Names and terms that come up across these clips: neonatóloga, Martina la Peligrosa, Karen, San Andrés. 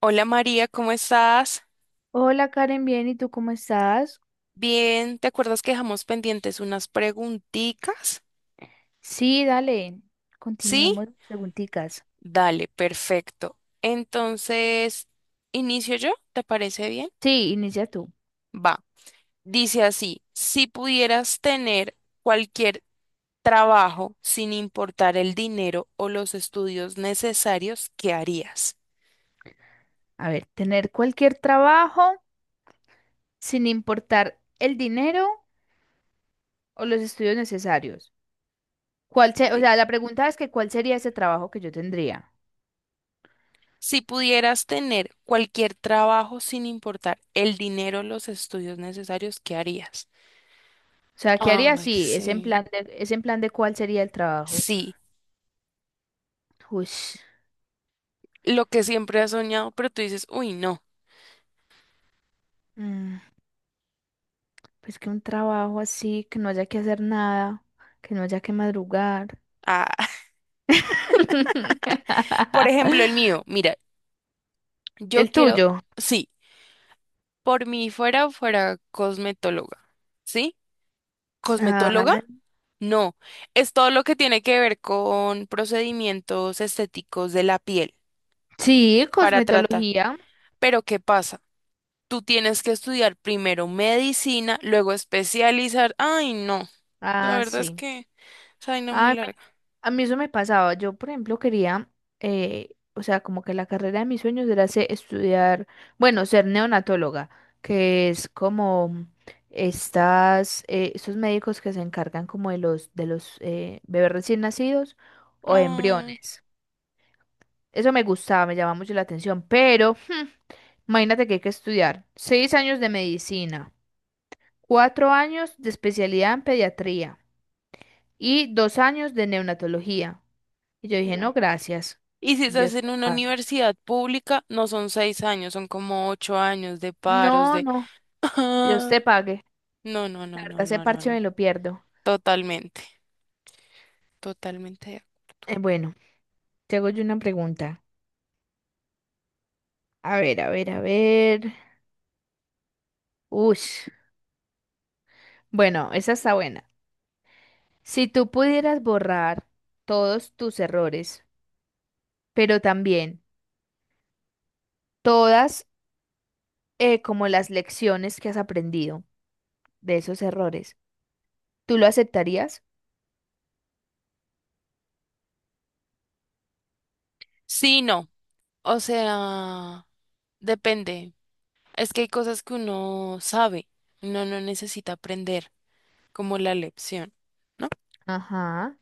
Hola María, ¿cómo estás? Hola Karen, bien, ¿y tú cómo estás? Bien, ¿te acuerdas que dejamos pendientes unas preguntitas? Sí, dale, ¿Sí? continuemos las preguntitas. Dale, perfecto. Entonces, ¿inicio yo? ¿Te parece bien? Sí, inicia tú. Va. Dice así, si pudieras tener cualquier trabajo sin importar el dinero o los estudios necesarios, ¿qué harías? A ver, tener cualquier trabajo sin importar el dinero o los estudios necesarios. O Sí. sea, la pregunta es, que ¿cuál sería ese trabajo que yo tendría? Si pudieras tener cualquier trabajo sin importar el dinero o los estudios necesarios, ¿qué harías? O sea, ¿qué haría Ay, si es en sí. plan de, es en plan de cuál sería el trabajo? Sí, Uy, lo que siempre has soñado, pero tú dices, uy, no. mm, pues que un trabajo así, que no haya que hacer nada, que no haya que madrugar. Ah, por ejemplo, el mío, mira, yo El quiero, tuyo. sí, por mí fuera, fuera cosmetóloga, ¿sí? Ah, ¿Cosmetóloga? No, es todo lo que tiene que ver con procedimientos estéticos de la piel sí, para tratar. cosmetología. Pero ¿qué pasa? Tú tienes que estudiar primero medicina, luego especializar. Ay, no, la Ah, verdad es sí. que es una muy Ah, larga. a mí eso me pasaba. Yo, por ejemplo, quería, o sea, como que la carrera de mis sueños era estudiar, bueno, ser neonatóloga, que es como estos médicos que se encargan como de los bebés recién nacidos o Ay, embriones. Eso me gustaba, me llamaba mucho la atención, pero imagínate que hay que estudiar 6 años de medicina. 4 años de especialidad en pediatría y 2 años de neonatología. Y yo dije, no, no. gracias. Y si estás Dios en te una pague. universidad pública, no son 6 años, son como 8 años de paros, No, de... no, Dios te pague. No, no, La no, verdad, no, ese no, no, parche no. me lo pierdo. Totalmente, totalmente. Bueno, te hago yo una pregunta. A ver, a ver, a ver. Ush. Bueno, esa está buena. Si tú pudieras borrar todos tus errores, pero también todas como las lecciones que has aprendido de esos errores, ¿tú lo aceptarías? Sí, no. O sea, depende. Es que hay cosas que uno sabe, uno no necesita aprender, como la lección, ¿no? Ajá.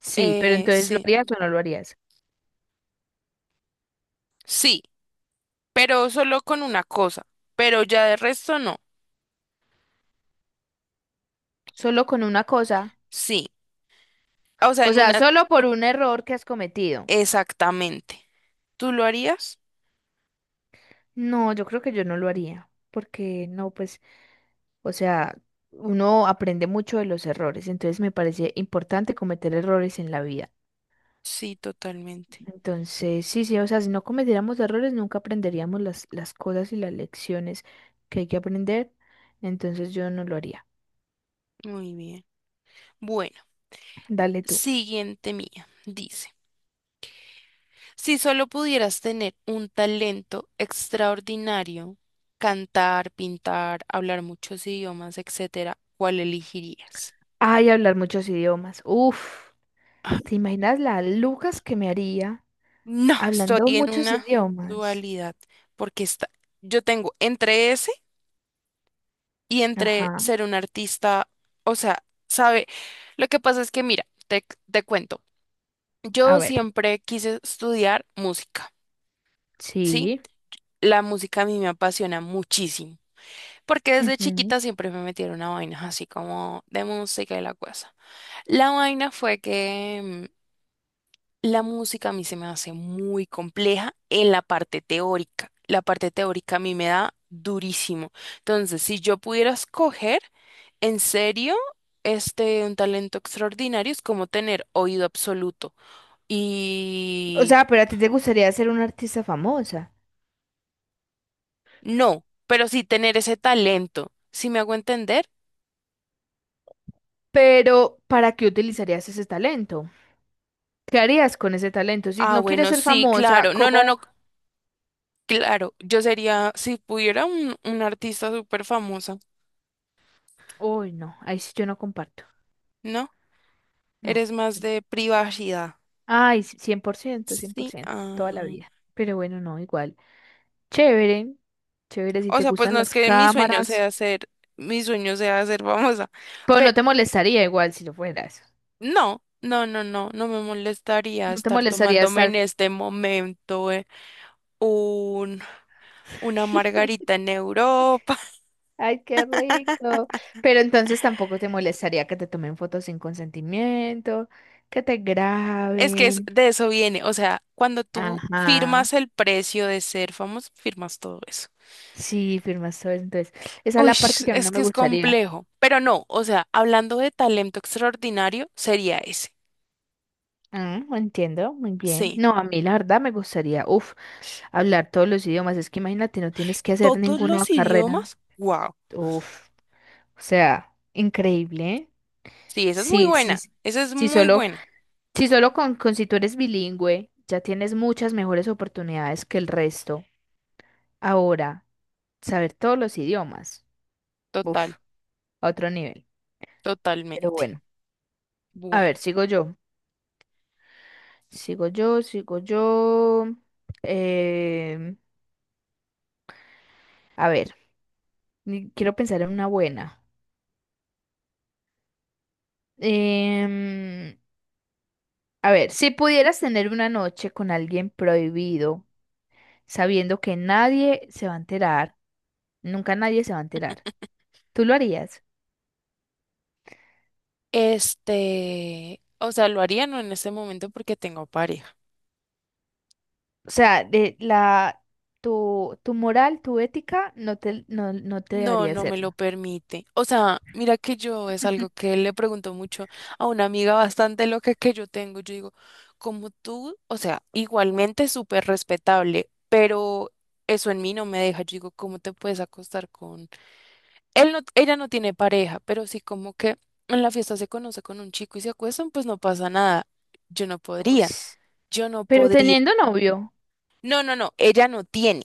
Sí, pero entonces, ¿lo Sí, harías o no lo harías? sí, pero solo con una cosa, pero ya de resto no. Solo con una cosa. Sí. O sea, O en sea, una... solo por un error que has cometido. Exactamente. ¿Tú lo harías? No, yo creo que yo no lo haría. Porque no, pues, o sea, uno aprende mucho de los errores. Entonces me parece importante cometer errores en la vida. Sí, totalmente. Entonces, sí, sí, o sea, si no cometiéramos errores, nunca aprenderíamos las cosas y las lecciones que hay que aprender. Entonces yo no lo haría. Muy bien. Bueno, Dale tú. siguiente mía. Dice, si solo pudieras tener un talento extraordinario, cantar, pintar, hablar muchos idiomas, etcétera, ¿cuál elegirías? Ay, hablar muchos idiomas. Uf, ¿te imaginas las lucas que me haría? No, estoy Hablando en muchos una idiomas. dualidad porque está, yo tengo entre ese y entre Ajá. ser un artista, o sea, sabe, lo que pasa es que mira, te cuento, A yo ver. siempre quise estudiar música, ¿sí? Sí. La música a mí me apasiona muchísimo, porque desde Ujú. chiquita siempre me metieron a vainas así como de música y la cosa. La vaina fue que la música a mí se me hace muy compleja en la parte teórica. La parte teórica a mí me da durísimo. Entonces, si yo pudiera escoger, en serio, un talento extraordinario es como tener oído absoluto. O Y sea, pero a ti te gustaría ser una artista famosa. no, pero sí tener ese talento. ¿Si me hago entender? Pero, ¿para qué utilizarías ese talento? ¿Qué harías con ese talento? Si Ah, no quieres bueno, ser sí, famosa, claro. No, no, ¿cómo? no, claro. Yo sería, si pudiera, un artista súper famosa, Uy, no. Ahí sí yo no comparto. ¿no? No. Eres más de privacidad. Ay, sí, 100%, cien por Sí. ciento, toda la Ah. vida. Pero bueno, no, igual. Chévere. Chévere si O te sea, pues gustan no es las que mi sueño cámaras. sea ser, mi sueño sea ser famosa. Pero no Pero te molestaría igual si lo fueras. no, no, no, no, no me molestaría No te estar molestaría tomándome en estar. este momento un, una margarita en Europa. Ay, qué rico. Pero entonces tampoco te molestaría que te tomen fotos sin consentimiento, que te Es que es- graben. de eso viene. O sea, cuando tú Ajá. firmas el precio de ser famoso, firmas todo eso. Sí, firmas todo eso. Entonces, esa es Uy, la parte que a mí es no que me es gustaría. complejo, pero no, o sea, hablando de talento extraordinario, sería ese. Ah, entiendo, muy bien. Sí, No, a mí la verdad me gustaría, uf, hablar todos los idiomas. Es que imagínate, no tienes que hacer todos ninguna los carrera. idiomas, wow. Uf, o sea, increíble, ¿eh? Sí, esa es muy Sí, sí, buena, sí, esa es sí, muy solo, buena, sí, solo con si tú eres bilingüe, ya tienes muchas mejores oportunidades que el resto. Ahora, saber todos los idiomas. total, Uf, a otro nivel. Pero totalmente. bueno, a Bueno, ver, sigo yo. Sigo yo, sigo yo. Em, a ver, quiero pensar en una buena. Em, a ver, si pudieras tener una noche con alguien prohibido, sabiendo que nadie se va a enterar, nunca nadie se va a enterar, ¿tú lo harías? O sea, lo haría no en este momento porque tengo pareja. O sea, tu moral, tu ética, no te No, dejaría no me lo hacerlo. permite. O sea, mira que yo es algo que le pregunto mucho a una amiga bastante loca que yo tengo. Yo digo, como tú, o sea, igualmente súper respetable, pero eso en mí no me deja. Yo digo, ¿cómo te puedes acostar con él? No, ella no tiene pareja, pero sí como que en la fiesta se conoce con un chico y se acuestan, pues no pasa nada. Yo no podría, Ush. yo no Pero podría. teniendo novio. No, no, no, ella no tiene,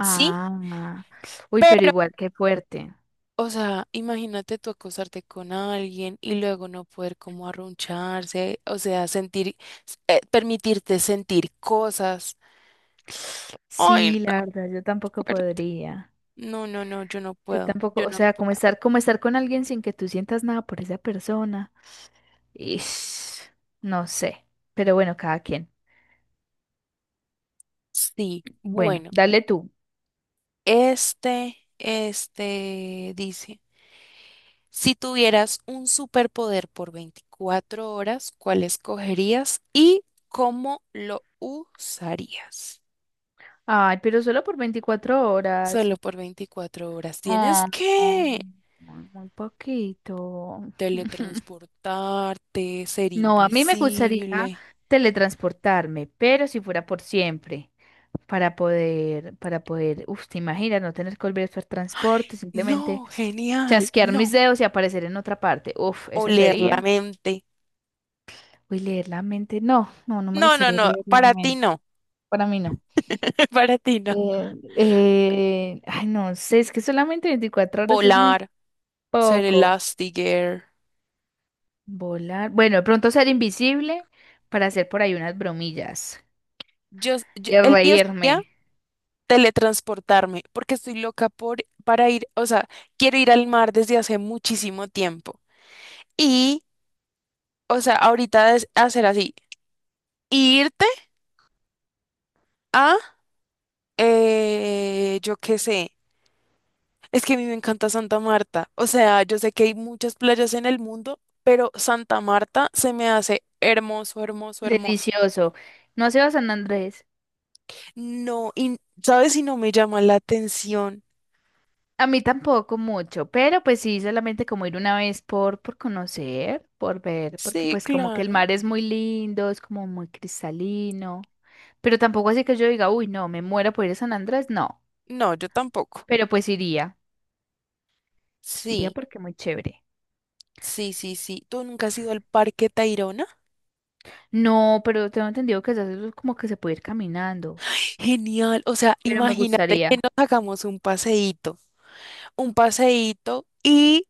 ¿sí? uy, pero igual, qué fuerte. O sea, imagínate tú acostarte con alguien y luego no poder como arruncharse, o sea, sentir, permitirte sentir cosas. Ay, Sí, no, la verdad, yo tampoco fuerte. podría. No, no, no, yo no Yo puedo, tampoco, yo o no sea, como puedo. estar, como estar con alguien sin que tú sientas nada por esa persona. Ish, no sé. Pero bueno, cada quien. Sí, Bueno, bueno, dale tú. este dice, si tuvieras un superpoder por 24 horas, ¿cuál escogerías y cómo lo usarías? Ay, pero solo por 24 horas. Solo por 24 horas. Tienes Oh, oh, que... muy muy poquito. teletransportarte, ser No, a mí me gustaría invisible. teletransportarme, pero si fuera por siempre, para poder, uff, te imaginas, no tener que volver a usar transporte, simplemente No, genial, chasquear mis no. dedos y aparecer en otra parte. Uff, eso Oler la sería. mente. Uy, leer la mente, no, no, no me No, no, gustaría no, leer la para ti mente. no, Para mí no. para ti no. Eh, Ay, no sé, es que solamente 24 horas es muy Volar, ser poco. Elastigirl. Volar, bueno, de pronto ser invisible para hacer por ahí unas bromillas y El mío sería reírme. teletransportarme, porque estoy loca por, para ir, o sea, quiero ir al mar desde hace muchísimo tiempo. Y, o sea, ahorita es hacer así, irte a, yo qué sé. Es que a mí me encanta Santa Marta. O sea, yo sé que hay muchas playas en el mundo, pero Santa Marta se me hace hermoso, hermoso, hermoso. Delicioso. No has ido a San Andrés. No, y ¿sabes si no me llama la atención? A mí tampoco mucho, pero pues sí, solamente como ir una vez por conocer, por ver, porque Sí, pues como que el claro. mar es muy lindo, es como muy cristalino, pero tampoco así que yo diga, uy, no, me muero por ir a San Andrés, no, No, yo tampoco. pero pues iría, iría Sí, porque muy chévere. sí, sí, sí. ¿Tú nunca has ido al Parque Tayrona? No, pero tengo entendido que se hace como que se puede ir caminando, Genial. O sea, pero me imagínate gustaría, que nos hagamos un paseíto y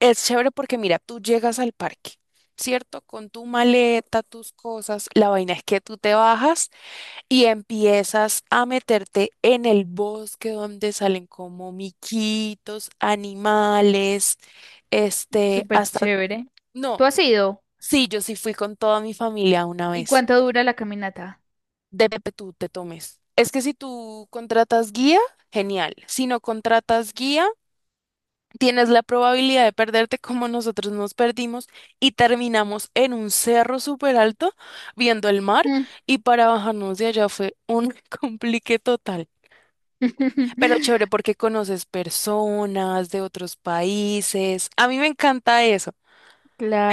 es chévere porque mira, tú llegas al parque, ¿cierto? Con tu maleta, tus cosas, la vaina es que tú te bajas y empiezas a meterte en el bosque donde salen como miquitos, animales, súper hasta... chévere. ¿Tú No, has ido? sí, yo sí fui con toda mi familia una ¿Y vez. cuánto dura la caminata? Debe que tú te tomes. Es que si tú contratas guía, genial. Si no contratas guía... tienes la probabilidad de perderte como nosotros nos perdimos y terminamos en un cerro súper alto viendo el mar Mm. y para bajarnos de allá fue un complique total. Pero chévere porque conoces personas de otros países. A mí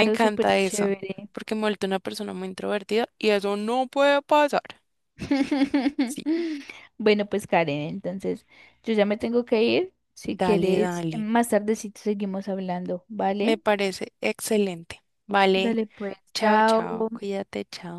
me súper encanta eso, chévere. porque me he vuelto una persona muy introvertida y eso no puede pasar. Sí, Bueno, pues Karen, entonces yo ya me tengo que ir. Si dale, quieres, dale. más tardecito seguimos hablando, Me ¿vale? parece excelente. Vale, Dale pues, chao, chao. chao, cuídate, chao.